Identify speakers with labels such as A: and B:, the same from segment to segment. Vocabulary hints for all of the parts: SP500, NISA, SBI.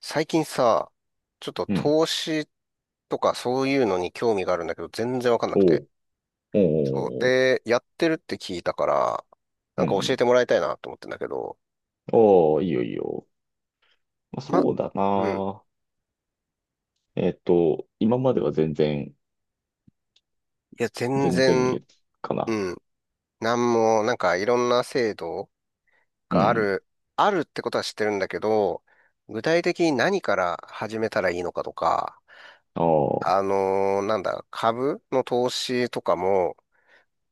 A: 最近さ、ちょっと
B: うん。
A: 投資とかそういうのに興味があるんだけど、全然わかんなく
B: お
A: て。
B: うおう
A: そう。
B: おうおう
A: で、やってるって聞いたから、
B: う
A: な
B: ん
A: ん
B: う
A: か教え
B: ん。
A: てもらいたいなと思ってんだけど、
B: おお、いいよいいよ。まあ、
A: ま、
B: そうだ
A: うん。
B: な。今までは全然、
A: いや、全
B: 全
A: 然、
B: 然かな。
A: うん。なんも、なんかいろんな制度
B: う
A: があ
B: ん。
A: る、あるってことは知ってるんだけど、具体的に何から始めたらいいのかとか、
B: ああ、
A: あのーなんだ、株の投資とかも、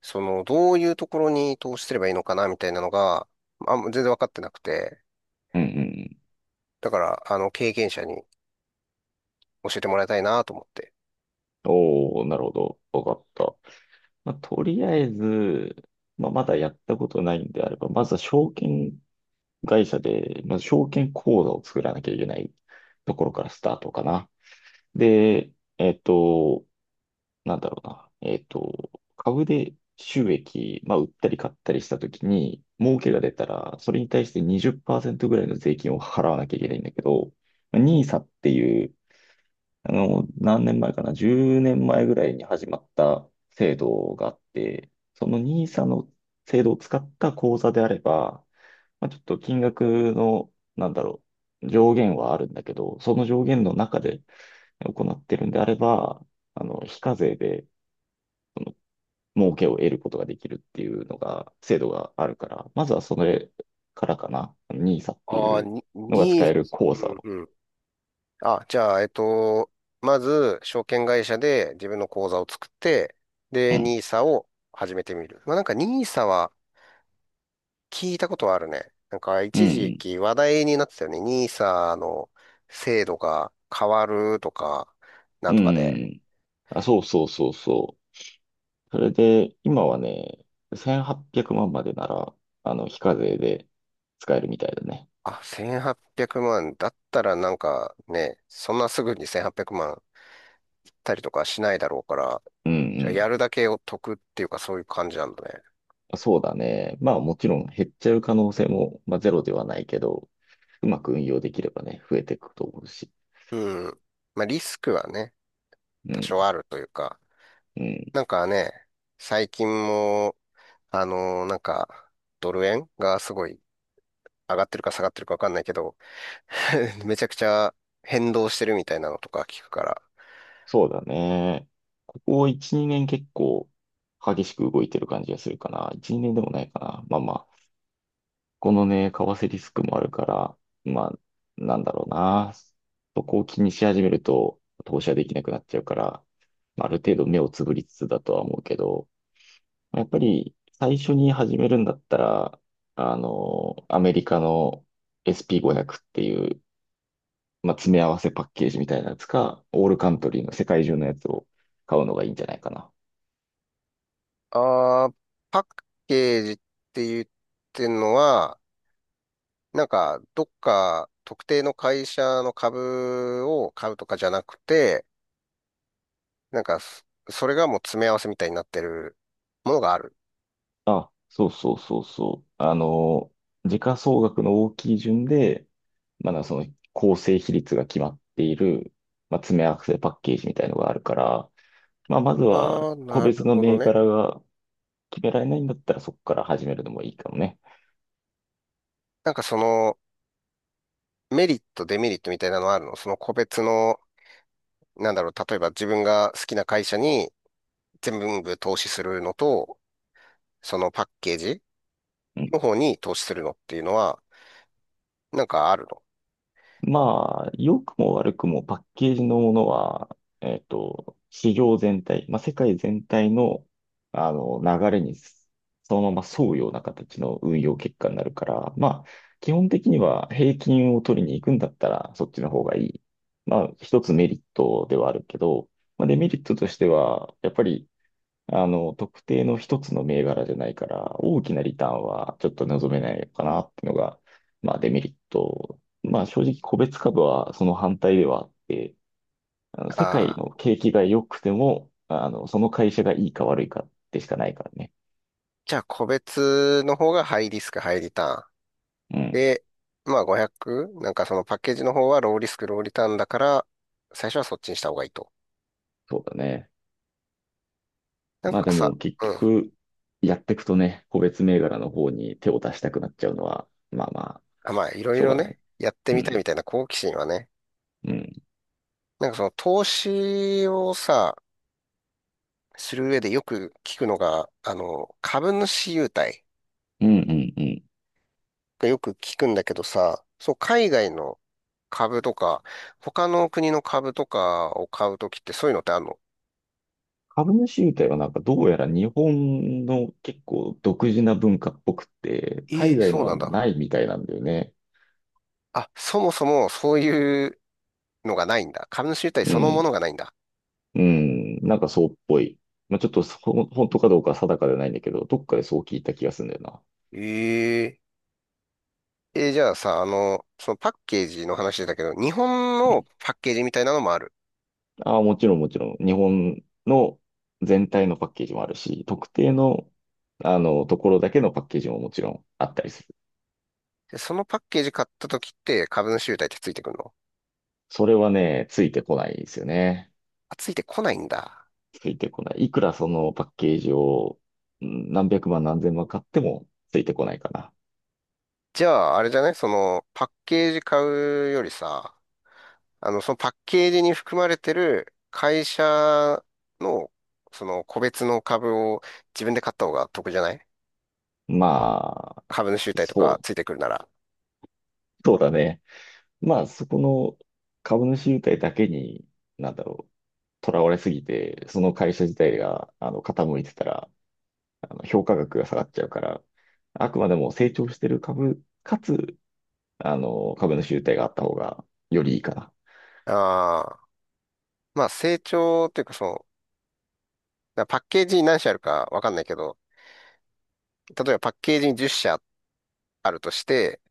A: その、どういうところに投資すればいいのかな、みたいなのが、あん、全然分かってなくて、
B: うんうん。
A: だから、あの、経験者に教えてもらいたいなと思って。
B: おお、なるほど。わかった。まあ、とりあえず、まあ、まだやったことないんであれば、まずは証券会社で、まず証券口座を作らなきゃいけないところからスタートかな。で、えっと、なんだろうな、株で収益、まあ、売ったり買ったりしたときに、儲けが出たら、それに対して20%ぐらいの税金を払わなきゃいけないんだけど、まあニーサっていう、何年前かな、10年前ぐらいに始まった制度があって、そのニーサの制度を使った口座であれば、まあ、ちょっと金額の、なんだろう、上限はあるんだけど、その上限の中で行ってるんであれば、非課税で、儲けを得ることができるっていうのが、制度があるから、まずはそれからかな。ニーサってい
A: ああ、
B: う
A: に、
B: のが使え
A: に、
B: る
A: う
B: 口座
A: ん
B: を。
A: うん。あ、じゃあ、まず、証券会社で自分の口座を作って、
B: う
A: で、
B: ん。
A: ニーサを始めてみる。まあ、なんかニーサは聞いたことはあるね。なんか、
B: う
A: 一時
B: ん。
A: 期話題になってたよね。ニーサの制度が変わるとか、なん
B: う
A: とかで。
B: ん。あ、そうそうそうそう。それで、今はね、1800万までなら、非課税で使えるみたいだね。
A: あ、1800万。だったらなんかね、そんなすぐに1800万っぴゃくまん売ったりとかしないだろうから、
B: うん
A: じゃあや
B: う
A: るだけを得っていうかそういう感じなんだね。
B: ん。そうだね。まあもちろん減っちゃう可能性も、まあ、ゼロではないけど、うまく運用できればね、増えていくと思うし。
A: うん。まあリスクはね、
B: う
A: 多
B: ん、
A: 少あるというか、
B: うん。
A: なんかね、最近も、あのーなんか、ドル円がすごい上がってるか下がってるかわかんないけど、めちゃくちゃ変動してるみたいなのとか聞くから。
B: そうだね。ここ1、2年結構激しく動いてる感じがするかな。1、2年でもないかな。まあまあ、このね、為替リスクもあるから、まあ、なんだろうな。そこを気にし始めると投資はできなくなっちゃうから、まあ、ある程度目をつぶりつつだとは思うけど、やっぱり最初に始めるんだったら、アメリカの SP500 っていうまあ、詰め合わせパッケージみたいなやつか、オールカントリーの世界中のやつを買うのがいいんじゃないかな。
A: あー、パッケージって言ってんのは、なんか、どっか特定の会社の株を買うとかじゃなくて、なんかそ、それがもう詰め合わせみたいになってるものがある。
B: あ、そうそうそうそう。時価総額の大きい順で、まだその構成比率が決まっている、まあ、詰め合わせパッケージみたいのがあるから、まあ、まず
A: あ
B: は
A: あ、
B: 個
A: な
B: 別
A: る
B: の
A: ほど
B: 銘
A: ね。
B: 柄が決められないんだったらそこから始めるのもいいかもね。
A: なんかその、メリット、デメリットみたいなのはあるの、その個別の、なんだろう、例えば自分が好きな会社に全部投資するのと、そのパッケージ
B: うん
A: の方に投資するのっていうのは、なんかあるの？
B: まあ、良くも悪くもパッケージのものは、市場全体、まあ、世界全体の、流れにそのまま沿うような形の運用結果になるから、まあ、基本的には平均を取りに行くんだったら、そっちの方がいい。まあ、一つメリットではあるけど、まあ、デメリットとしては、やっぱり特定の一つの銘柄じゃないから、大きなリターンはちょっと望めないのかなっていうのが、まあデメリット。まあ正直個別株はその反対ではあって、世
A: あ
B: 界
A: あ
B: の
A: ー、
B: 景気が良くても、その会社がいいか悪いかでしかないからね。
A: じゃあ個別の方がハイリスク、ハイリターン。
B: うん、
A: で、まあ 500？ なんかそのパッケージの方はローリスク、ローリターンだから、最初はそっちにした方がいいと。
B: そうだね。
A: なん
B: まあ
A: か
B: で
A: さ、
B: も結
A: うん。
B: 局、やっていくとね、個別銘柄の方に手を出したくなっちゃうのは、まあまあ、
A: あ、まあいろ
B: し
A: い
B: ょう
A: ろ
B: がない。
A: ね、やって
B: う
A: みたいみ
B: ん、
A: たいな好奇心はね、
B: うん、
A: なんかその投資をさ、する上でよく聞くのが、あの、株主優待
B: うん、うん、うん。
A: がよく聞くんだけどさ、そう、海外の株とか、他の国の株とかを買うときってそういうのってあるの？
B: 株主優待はなんかどうやら日本の結構独自な文化っぽくて、
A: え
B: 海
A: ー、
B: 外
A: そ
B: の
A: うな
B: は
A: んだ。
B: ないみたいなんだよね。
A: あ、そもそもそういうのがないんだ。株主優待
B: う
A: そのも
B: ん。
A: のがないんだ。
B: うん。なんかそうっぽい。まあ、ちょっとそほん本当かどうかは定かではないんだけど、どっかでそう聞いた気がするんだよな。
A: えええ、じゃあさ、あの、そのパッケージの話だけど、日本
B: う
A: の
B: ん。
A: パッケージみたいなのもある。
B: ああ、もちろんもちろん。日本の全体のパッケージもあるし、特定の、ところだけのパッケージももちろんあったりする。
A: で、そのパッケージ買った時って株主優待ってついてくるの？
B: それはね、ついてこないですよね。
A: あ、ついてこないんだ。
B: ついてこない。いくらそのパッケージをうん何百万何千万買ってもついてこないかな。
A: じゃあ、あれじゃない、その、パッケージ買うよりさ、あの、そのパッケージに含まれてる会社の、その個別の株を自分で買った方が得じゃない、
B: まあ、
A: 株主優待と
B: そ
A: か
B: う、
A: ついてくるなら。
B: そうだね。まあ、そこの株主優待だけに、なんだろう、囚われすぎて、その会社自体が傾いてたら、評価額が下がっちゃうから、あくまでも成長してる株、かつ、株主優待があった方がよりいいかな。
A: ああ、まあ成長っていうかそう、だからパッケージに何社あるかわかんないけど、例えばパッケージに10社あるとして、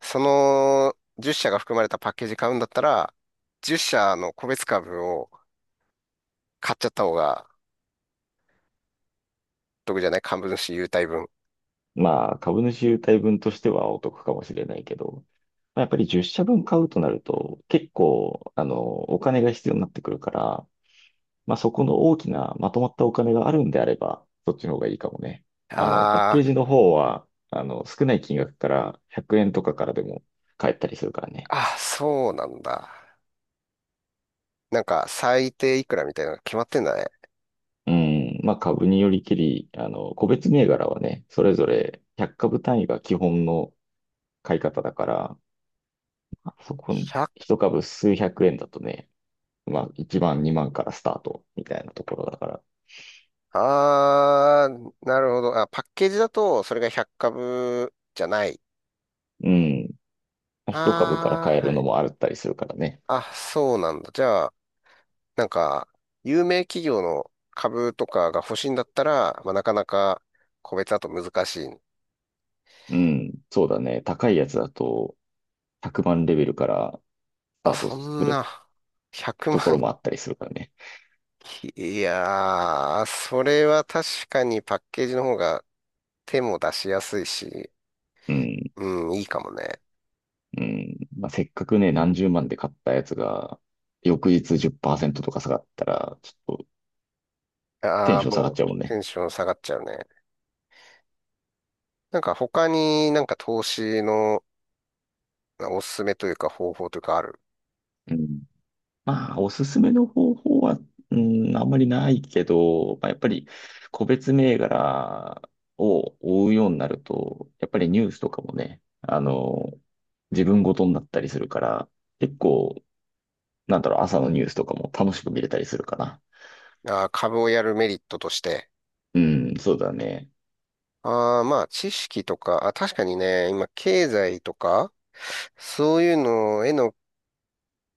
A: その10社が含まれたパッケージ買うんだったら、10社の個別株を買っちゃった方が得じゃない、株主優待分。
B: まあ、株主優待分としてはお得かもしれないけど、まあ、やっぱり10社分買うとなると、結構、お金が必要になってくるから、まあ、そこの大きなまとまったお金があるんであれば、そっちの方がいいかもね。パッ
A: あ
B: ケージの方は、少ない金額から100円とかからでも買えたりするからね。
A: あ、そうなんだ。なんか、最低いくらみたいなのが決まってんだね。
B: うん、まあ、株によりけり、個別銘柄はね、それぞれ100株単位が基本の買い方だから、そこ、
A: 100、
B: 一株数百円だとね、まあ、1万、2万からスタートみたいなところだから。
A: あー、なるほど。あ、パッケージだと、それが100株じゃない。
B: うん。一株から
A: あ
B: 買え
A: ー、
B: る
A: は
B: の
A: い。
B: もあったりするからね。
A: あ、そうなんだ。じゃあ、なんか、有名企業の株とかが欲しいんだったら、まあ、なかなか個別だと難しい。
B: うん。そうだね。高いやつだと、100万レベルからスタ
A: あ、
B: ート
A: そ
B: す
A: ん
B: る
A: な、100万。
B: ところもあったりするからね。
A: いやー、それは確かにパッケージの方が手も出しやすいし、
B: うん。
A: うん、いいかもね。
B: うん。まあ、せっかくね、何十万で買ったやつが、翌日10%とか下がったら、ちょっとテ
A: あ
B: ン
A: あ、
B: ション下が
A: も
B: っ
A: う
B: ちゃうもんね。
A: テンション下がっちゃうね。なんか他になんか投資のおすすめというか方法というかある？
B: うんまあ、おすすめの方法は、うん、あんまりないけど、まあ、やっぱり個別銘柄を追うようになると、やっぱりニュースとかもね、自分ごとになったりするから、結構、なんだろう、朝のニュースとかも楽しく見れたりするかな。
A: あー、株をやるメリットとして。
B: うん、そうだね。
A: ああ、まあ知識とか、あ、確かにね、今経済とか、そういうのへの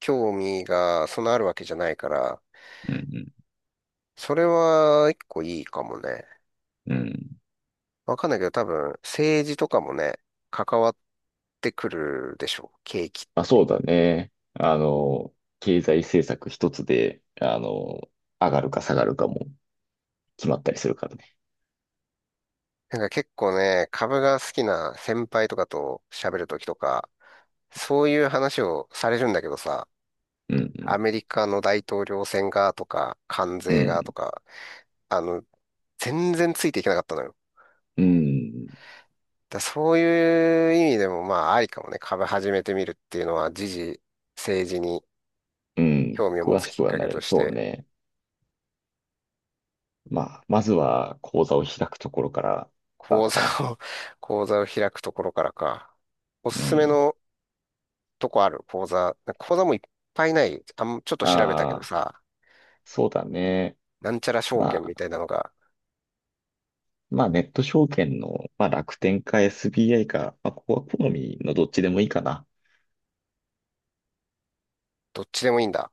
A: 興味がそんなあるわけじゃないから、
B: うん、
A: それは一個いいかもね。
B: うん。うん
A: わかんないけど多分政治とかもね、関わってくるでしょう。景気っ、
B: まあ、そうだね。経済政策一つで、上がるか下がるかも決まったりするからね。
A: なんか結構ね、株が好きな先輩とかと喋るときとか、そういう話をされるんだけどさ、
B: う
A: ア
B: ん、
A: メリカの大統領選がとか、関
B: うん、う
A: 税がと
B: ん。
A: か、あの、全然ついていけなかったのよ。
B: うん
A: だそういう意味でもまあありかもね、株始めてみるっていうのは、時事、政治に
B: うん、
A: 興味を持
B: 詳
A: つ
B: し
A: き
B: く
A: っ
B: は
A: か
B: な
A: けと
B: る。
A: し
B: そう
A: て、
B: ね。まあ、まずは講座を開くところからだ
A: 口
B: と
A: 座
B: かな。
A: を、口座を開くところからか。おす
B: う
A: すめ
B: ん。
A: のとこある？口座、口座もいっぱいない。あん、ちょっと調べたけど
B: ああ、
A: さ、
B: そうだね。
A: なんちゃら証券
B: ま
A: みた
B: あ、
A: いなのが、
B: まあ、ネット証券の、まあ、楽天か SBI か、まあ、ここは好みのどっちでもいいかな。
A: どっちでもいいんだ。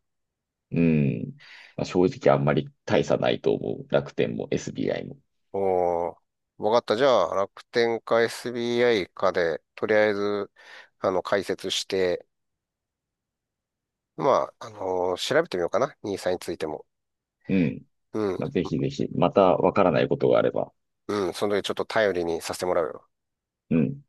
B: うん。まあ、正直あんまり大差ないと思う。楽天も SBI も。
A: おー、わかった。じゃあ、楽天か SBI かで、とりあえず、あの、解説して、まあ、調べてみようかな。兄さんについても。
B: うん。
A: うん、
B: まあ、ぜひぜひ、またわからないことがあれば。
A: うん、その時ちょっと頼りにさせてもらうよ。
B: うん。